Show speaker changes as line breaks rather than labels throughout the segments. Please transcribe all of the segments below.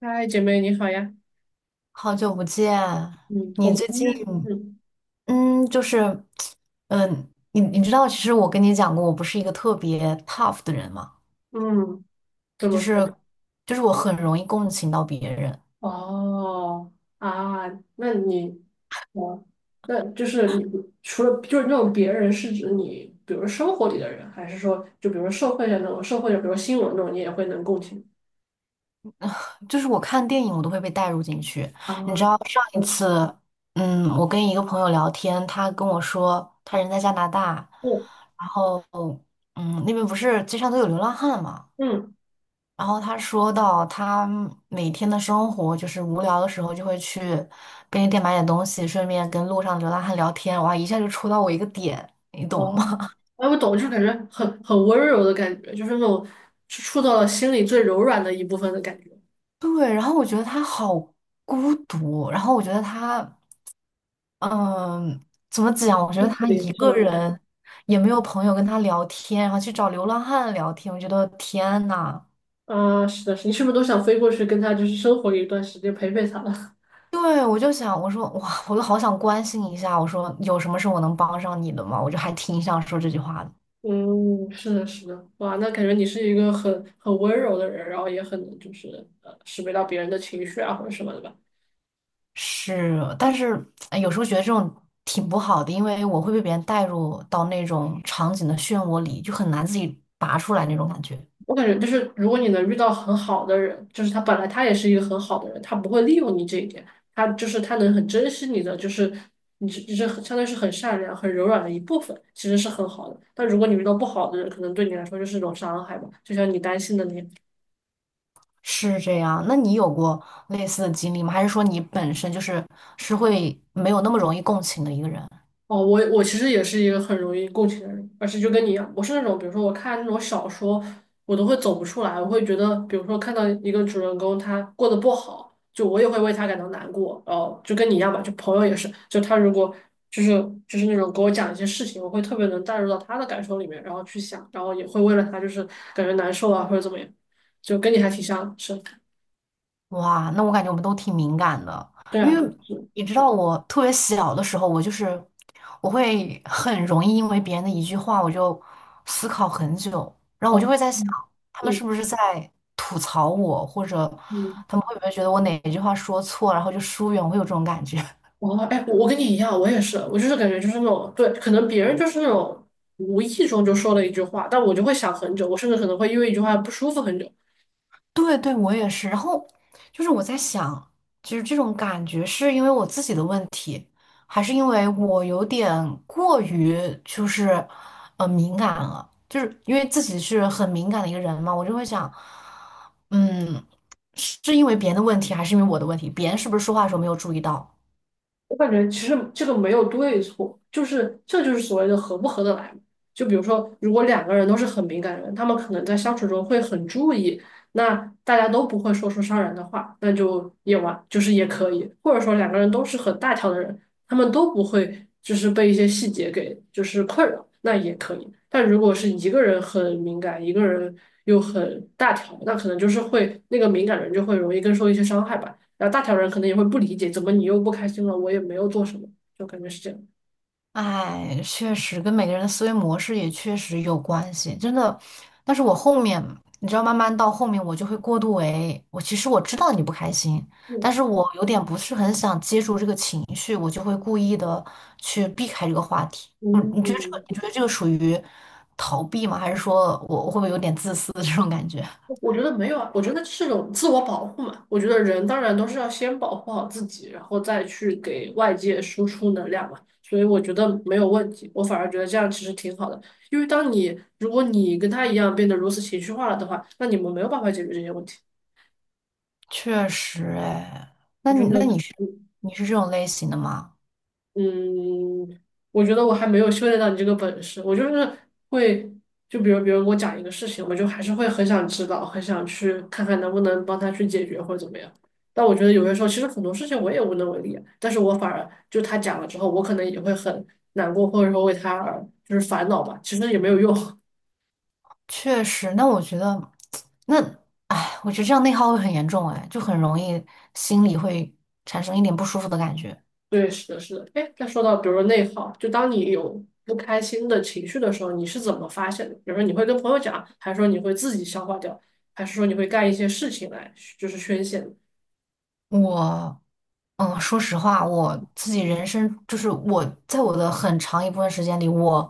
嗨，姐妹你好呀。
好久不见，
嗯，我
你
们
最
今
近
天，嗯
嗯，就是你知道，其实我跟你讲过，我不是一个特别 tough 的人嘛，
嗯，怎
就
么说？
是我很容易共情到别人，
哦啊，那你，哦，那就是你除了就是那种别人是指你，比如生活里的人，还是说就比如社会上那种社会的，比如新闻那种，你也会能共情
就是我看电影我都会被带入进去。
啊？
上一
嗯
次，我跟一个朋友聊天，他跟我说他人在加拿大，
嗯
嗯，那边不是街上都有流浪汉嘛。
嗯，
然后他说到，他每天的生活就是无聊的时候就会去便利店买点东西，顺便跟路上流浪汉聊天。哇，一下就戳到我一个点，你懂吗？
哦，哎，我懂，就是感觉很温柔的感觉，就是那种触到了心里最柔软的一部分的感觉，
对，然后我觉得他好孤独，然后我觉得他，嗯，怎么讲？我觉
那
得
可
他
怜
一
是
个
吗？
人也没有朋友跟他聊天，然后去找流浪汉聊天，我觉得天呐。
啊，是的，是的你是不是都想飞过去跟他就是生活一段时间，陪陪他了？
对，我就想，我说哇，我就好想关心一下，我说有什么是我能帮上你的吗？我就还挺想说这句话的。
嗯，是的，是的，哇，那感觉你是一个很温柔的人，然后也很能就是识别到别人的情绪啊或者什么的吧。
是，但是哎有时候觉得这种挺不好的，因为我会被别人带入到那种场景的漩涡里，就很难自己拔出来那种感觉。
我感觉就是如果你能遇到很好的人，就是他本来他也是一个很好的人，他不会利用你这一点，他就是他能很珍惜你的，就是你是很相当于是很善良、很柔软的一部分，其实是很好的。但如果你遇到不好的人，可能对你来说就是一种伤害吧，就像你担心的那样。
是这样，那你有过类似的经历吗？还是说你本身就是是会没有那么容易共情的一个人？
哦，我其实也是一个很容易共情的人，而且就跟你一样，我是那种，比如说我看那种小说，我都会走不出来，我会觉得，比如说看到一个主人公他过得不好，就我也会为他感到难过，然后就跟你一样吧，就朋友也是，就他如果就是就是那种给我讲一些事情，我会特别能带入到他的感受里面，然后去想，然后也会为了他就是感觉难受啊或者怎么样，就跟你还挺像的是，
哇，那我感觉我们都挺敏感的，
对
因
啊，对，
为
是，
你知道，我特别小的时候，我就是我会很容易因为别人的一句话，我就思考很久，然后我就
哦，
会在想，
嗯
他们是
嗯
不是在吐槽我，或者
嗯。
他们会不会觉得我哪一句话说错，然后就疏远，我会有这种感觉。
哦，哎，我跟你一样，我也是，我就是感觉就是那种，对，可能别人就是那种无意中就说了一句话，但我就会想很久，我甚至可能会因为一句话不舒服很久。
对对，我也是。然后就是我在想，其实这种感觉是因为我自己的问题，还是因为我有点过于就是敏感了？就是因为自己是很敏感的一个人嘛，我就会想，嗯，是因为别人的问题，还是因为我的问题？别人是不是说话的时候没有注意到？
我感觉其实这个没有对错，就是这就是所谓的合不合得来嘛。就比如说，如果两个人都是很敏感的人，他们可能在相处中会很注意，那大家都不会说出伤人的话，那就也完，就是也可以。或者说两个人都是很大条的人，他们都不会就是被一些细节给就是困扰，那也可以。但如果是一个人很敏感，一个人又很大条，那可能就是会那个敏感人就会容易更受一些伤害吧。然后大条人可能也会不理解，怎么你又不开心了？我也没有做什么，就感觉是这样。
哎，确实跟每个人的思维模式也确实有关系，真的。但是我后面，你知道，慢慢到后面我就会过度为，我其实知道你不开心，但
嗯
是我有点不是很想接住这个情绪，我就会故意的去避开这个话题。
嗯，嗯，
你觉得这个属于逃避吗？还是说我会不会有点自私的这种感觉？
我觉得没有啊，我觉得是种自我保护嘛。我觉得人当然都是要先保护好自己，然后再去给外界输出能量嘛。所以我觉得没有问题，我反而觉得这样其实挺好的。因为当你如果你跟他一样变得如此情绪化了的话，那你们没有办法解决这些问题。
确实，哎，
我觉得，
那你是
嗯
你是这种类型的吗？
嗯，我觉得我还没有修炼到你这个本事，我就是会，就比如别人给我讲一个事情，我就还是会很想知道，很想去看看能不能帮他去解决或者怎么样。但我觉得有些时候，其实很多事情我也无能为力啊但是我反而就他讲了之后，我可能也会很难过，或者说为他而就是烦恼吧，其实也没有用。
确实，那我觉得，那，哎，我觉得这样内耗会很严重，哎，就很容易心里会产生一点不舒服的感觉。
对，是的，是的。哎，再说到比如说内耗，就当你有不开心的情绪的时候，你是怎么发现的？比如说你会跟朋友讲，还是说你会自己消化掉，还是说你会干一些事情来就是宣泄呢。
我，嗯，说实话，我自己人生就是我在我的很长一部分时间里，我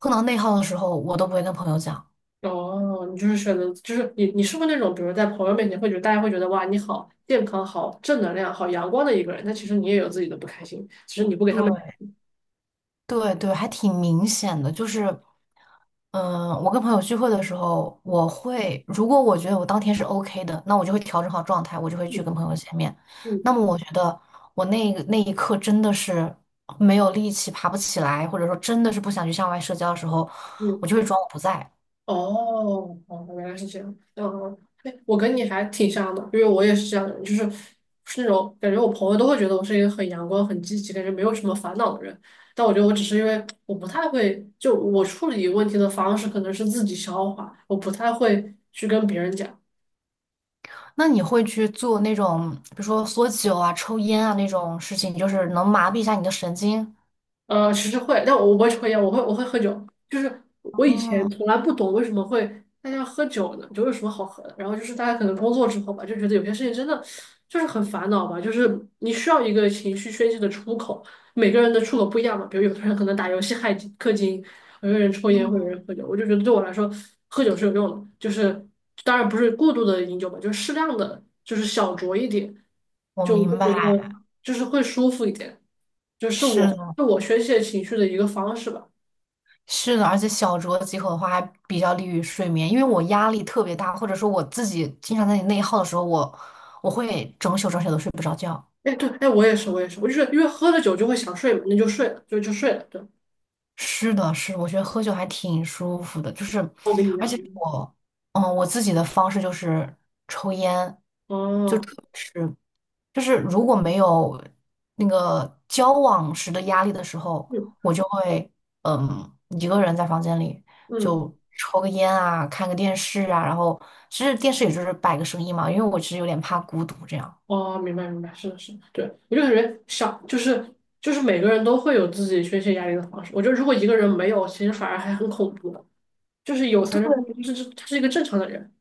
碰到内耗的时候，我都不会跟朋友讲。
哦，你就是选择，就是你是不是那种，比如在朋友面前会觉得大家会觉得哇你好健康、好正能量、好阳光的一个人，但其实你也有自己的不开心，其实你不给他们。
对对对，还挺明显的，就是。嗯，我跟朋友聚会的时候，我会如果我觉得我当天是 OK 的，那我就会调整好状态，我就会去
嗯
跟朋友见面。那
嗯
么我觉得我那一刻真的是没有力气，爬不起来，或者说真的是不想去向外社交的时候，我
嗯。
就会装我不在。
哦，哦，原来是这样。嗯，对，我跟你还挺像的，因为我也是这样的人就是是那种感觉，我朋友都会觉得我是一个很阳光、很积极，感觉没有什么烦恼的人。但我觉得我只是因为我不太会，就我处理问题的方式可能是自己消化，我不太会去跟别人讲。
那你会去做那种，比如说缩酒啊、抽烟啊那种事情，就是能麻痹一下你的神经？
其实会，但我不会抽烟，我会喝酒。就是我以前
哦，
从来不懂为什么会大家喝酒呢，酒有什么好喝的。然后就是大家可能工作之后吧，就觉得有些事情真的就是很烦恼吧，就是你需要一个情绪宣泄的出口。每个人的出口不一样嘛，比如有的人可能打游戏氪金，有的人抽烟，或者有人喝酒。我就觉得对我来说，喝酒是有用的，就是当然不是过度的饮酒吧，就是适量的，就是小酌一点，
我
就我
明
会觉得
白，
就是会舒服一点。就是我
是
是我宣泄情绪的一个方式吧。
是的，而且小酌几口的话，还比较利于睡眠。因为我压力特别大，或者说我自己经常在内耗的时候，我会整宿整宿都睡不着觉。
哎，对，哎，我也是，我也是，我就是因为喝了酒就会想睡嘛，那就睡了，就睡了。对，
是的，是的我觉得喝酒还挺舒服的，就是，
我跟你一
而且
样。
我，嗯，我自己的方式就是抽烟，就
哦，
抽就是如果没有那个交往时的压力的时候，
嗯
我就会嗯一个人在房间里
嗯，
就抽个烟啊，看个电视啊，然后其实电视也就是摆个声音嘛，因为我其实有点怕孤独这样。
哦，明白明白，是的是的，对，我就感觉想，就是就是每个人都会有自己宣泄压力的方式。我觉得如果一个人没有，其实反而还很恐怖的，就是有才能说
对，
明就是他是一个正常的人。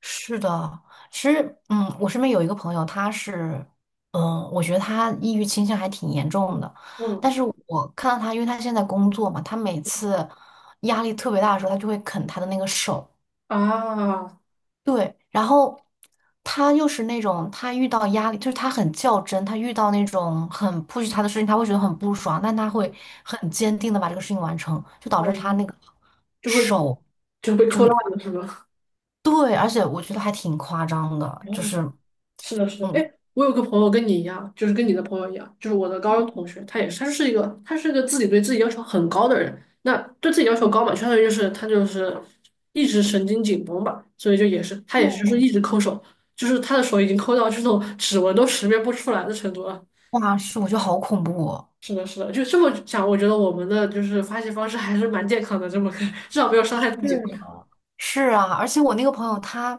是的，其实嗯，我身边有一个朋友，他是嗯，我觉得他抑郁倾向还挺严重的，但
嗯
是我看到他，因为他现在工作嘛，他每次压力特别大的时候，他就会啃他的那个手。
啊，
对，然后他又是那种，他遇到压力，就是他很较真，他遇到那种很 push 他的事情，他会觉得很不爽，但他会很坚定的把这个事情完成，就导
我
致他
们
那个
就会
手，
就被扣烂了，是吧？
对，而且我觉得还挺夸张的，就
哦，
是，
是的，是的，
嗯，
哎，我有个朋友跟你一样，就是跟你的朋友一样，就是我的高中同学，他也是，他是一个自己对自己要求很高的人，那对自己要求高嘛，相当于就是他就是一直神经紧绷吧，所以就也是他也是就是一直抠手，就是他的手已经抠到这种指纹都识别不出来的程度了。
哇，是，我觉得好恐怖哦。
是的，是的，就这么想，我觉得我们的就是发泄方式还是蛮健康的，这么看，至少没有伤害自己。
是啊，而且我那个朋友他，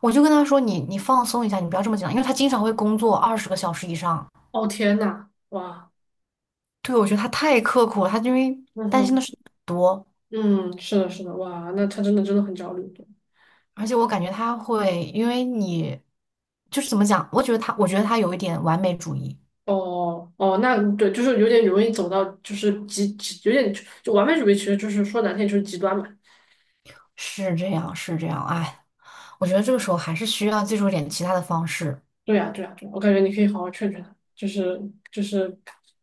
我就跟他说你放松一下，你不要这么紧张，因为他经常会工作20个小时以上。
哦，天呐，哇，
对，我觉得他太刻苦了，他因为
嗯
担心的
哼，
事情很多。
嗯，是的，是的，哇，那他真的真的很焦虑。
而且我感觉他会，因为你就是怎么讲，我觉得他有一点完美主义，
哦哦，那对，就是有点容易走到，就是极，有点就完美主义，其实就是说难听就是极端嘛。
是这样，是这样，哎，我觉得这个时候还是需要借助一点其他的方式。
对呀，对呀，对呀，我感觉你可以好好劝劝他，就是就是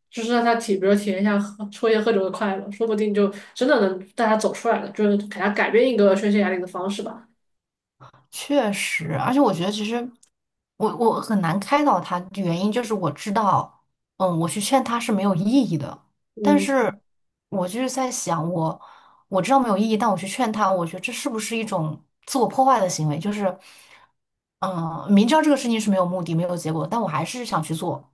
就是让他体，比如体验一下喝抽烟喝酒的快乐，说不定就真的能带他走出来了，就是给他改变一个宣泄压力的方式吧。
确实，而且我觉得其实我很难开导他，原因就是我知道，嗯，我去劝他是没有意义的，但是
嗯，
我就是在想，我知道没有意义，但我去劝他，我觉得这是不是一种自我破坏的行为？就是，嗯，明知道这个事情是没有目的、没有结果，但我还是想去做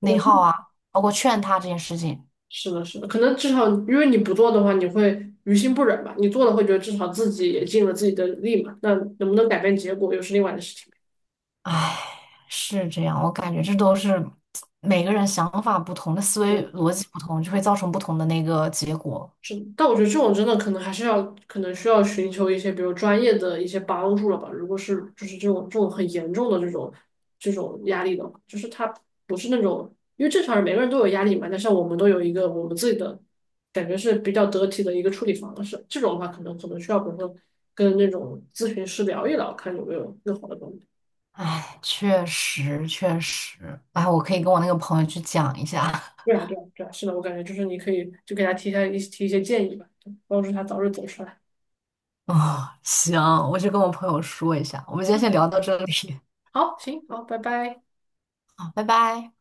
我
内
觉
耗
得
啊，包括劝他这件事情。
是的，是的，可能至少因为你不做的话，你会于心不忍吧；你做了，会觉得至少自己也尽了自己的力嘛。那能不能改变结果，又是另外的事情。
唉，是这样，我感觉这都是每个人想法不同，的思维
嗯，
逻辑不同，就会造成不同的那个结果。
是，但我觉得这种真的可能还是要，可能需要寻求一些，比如专业的一些帮助了吧。如果是就是这种很严重的这种压力的话，就是他不是那种，因为正常人每个人都有压力嘛，但是我们都有一个我们自己的感觉是比较得体的一个处理方式。这种的话，可能需要，比如说跟那种咨询师聊一聊，看有没有更好的帮助。
唉，确实确实，哎，我可以跟我那个朋友去讲一下。
对啊，对啊，对啊，是的，我感觉就是你可以就给他提一些建议吧，帮助他早日走出来。
啊、行，我去跟我朋友说一下。我们今天先
嗯，
聊到这里，
好，行，好，拜拜。
好拜拜。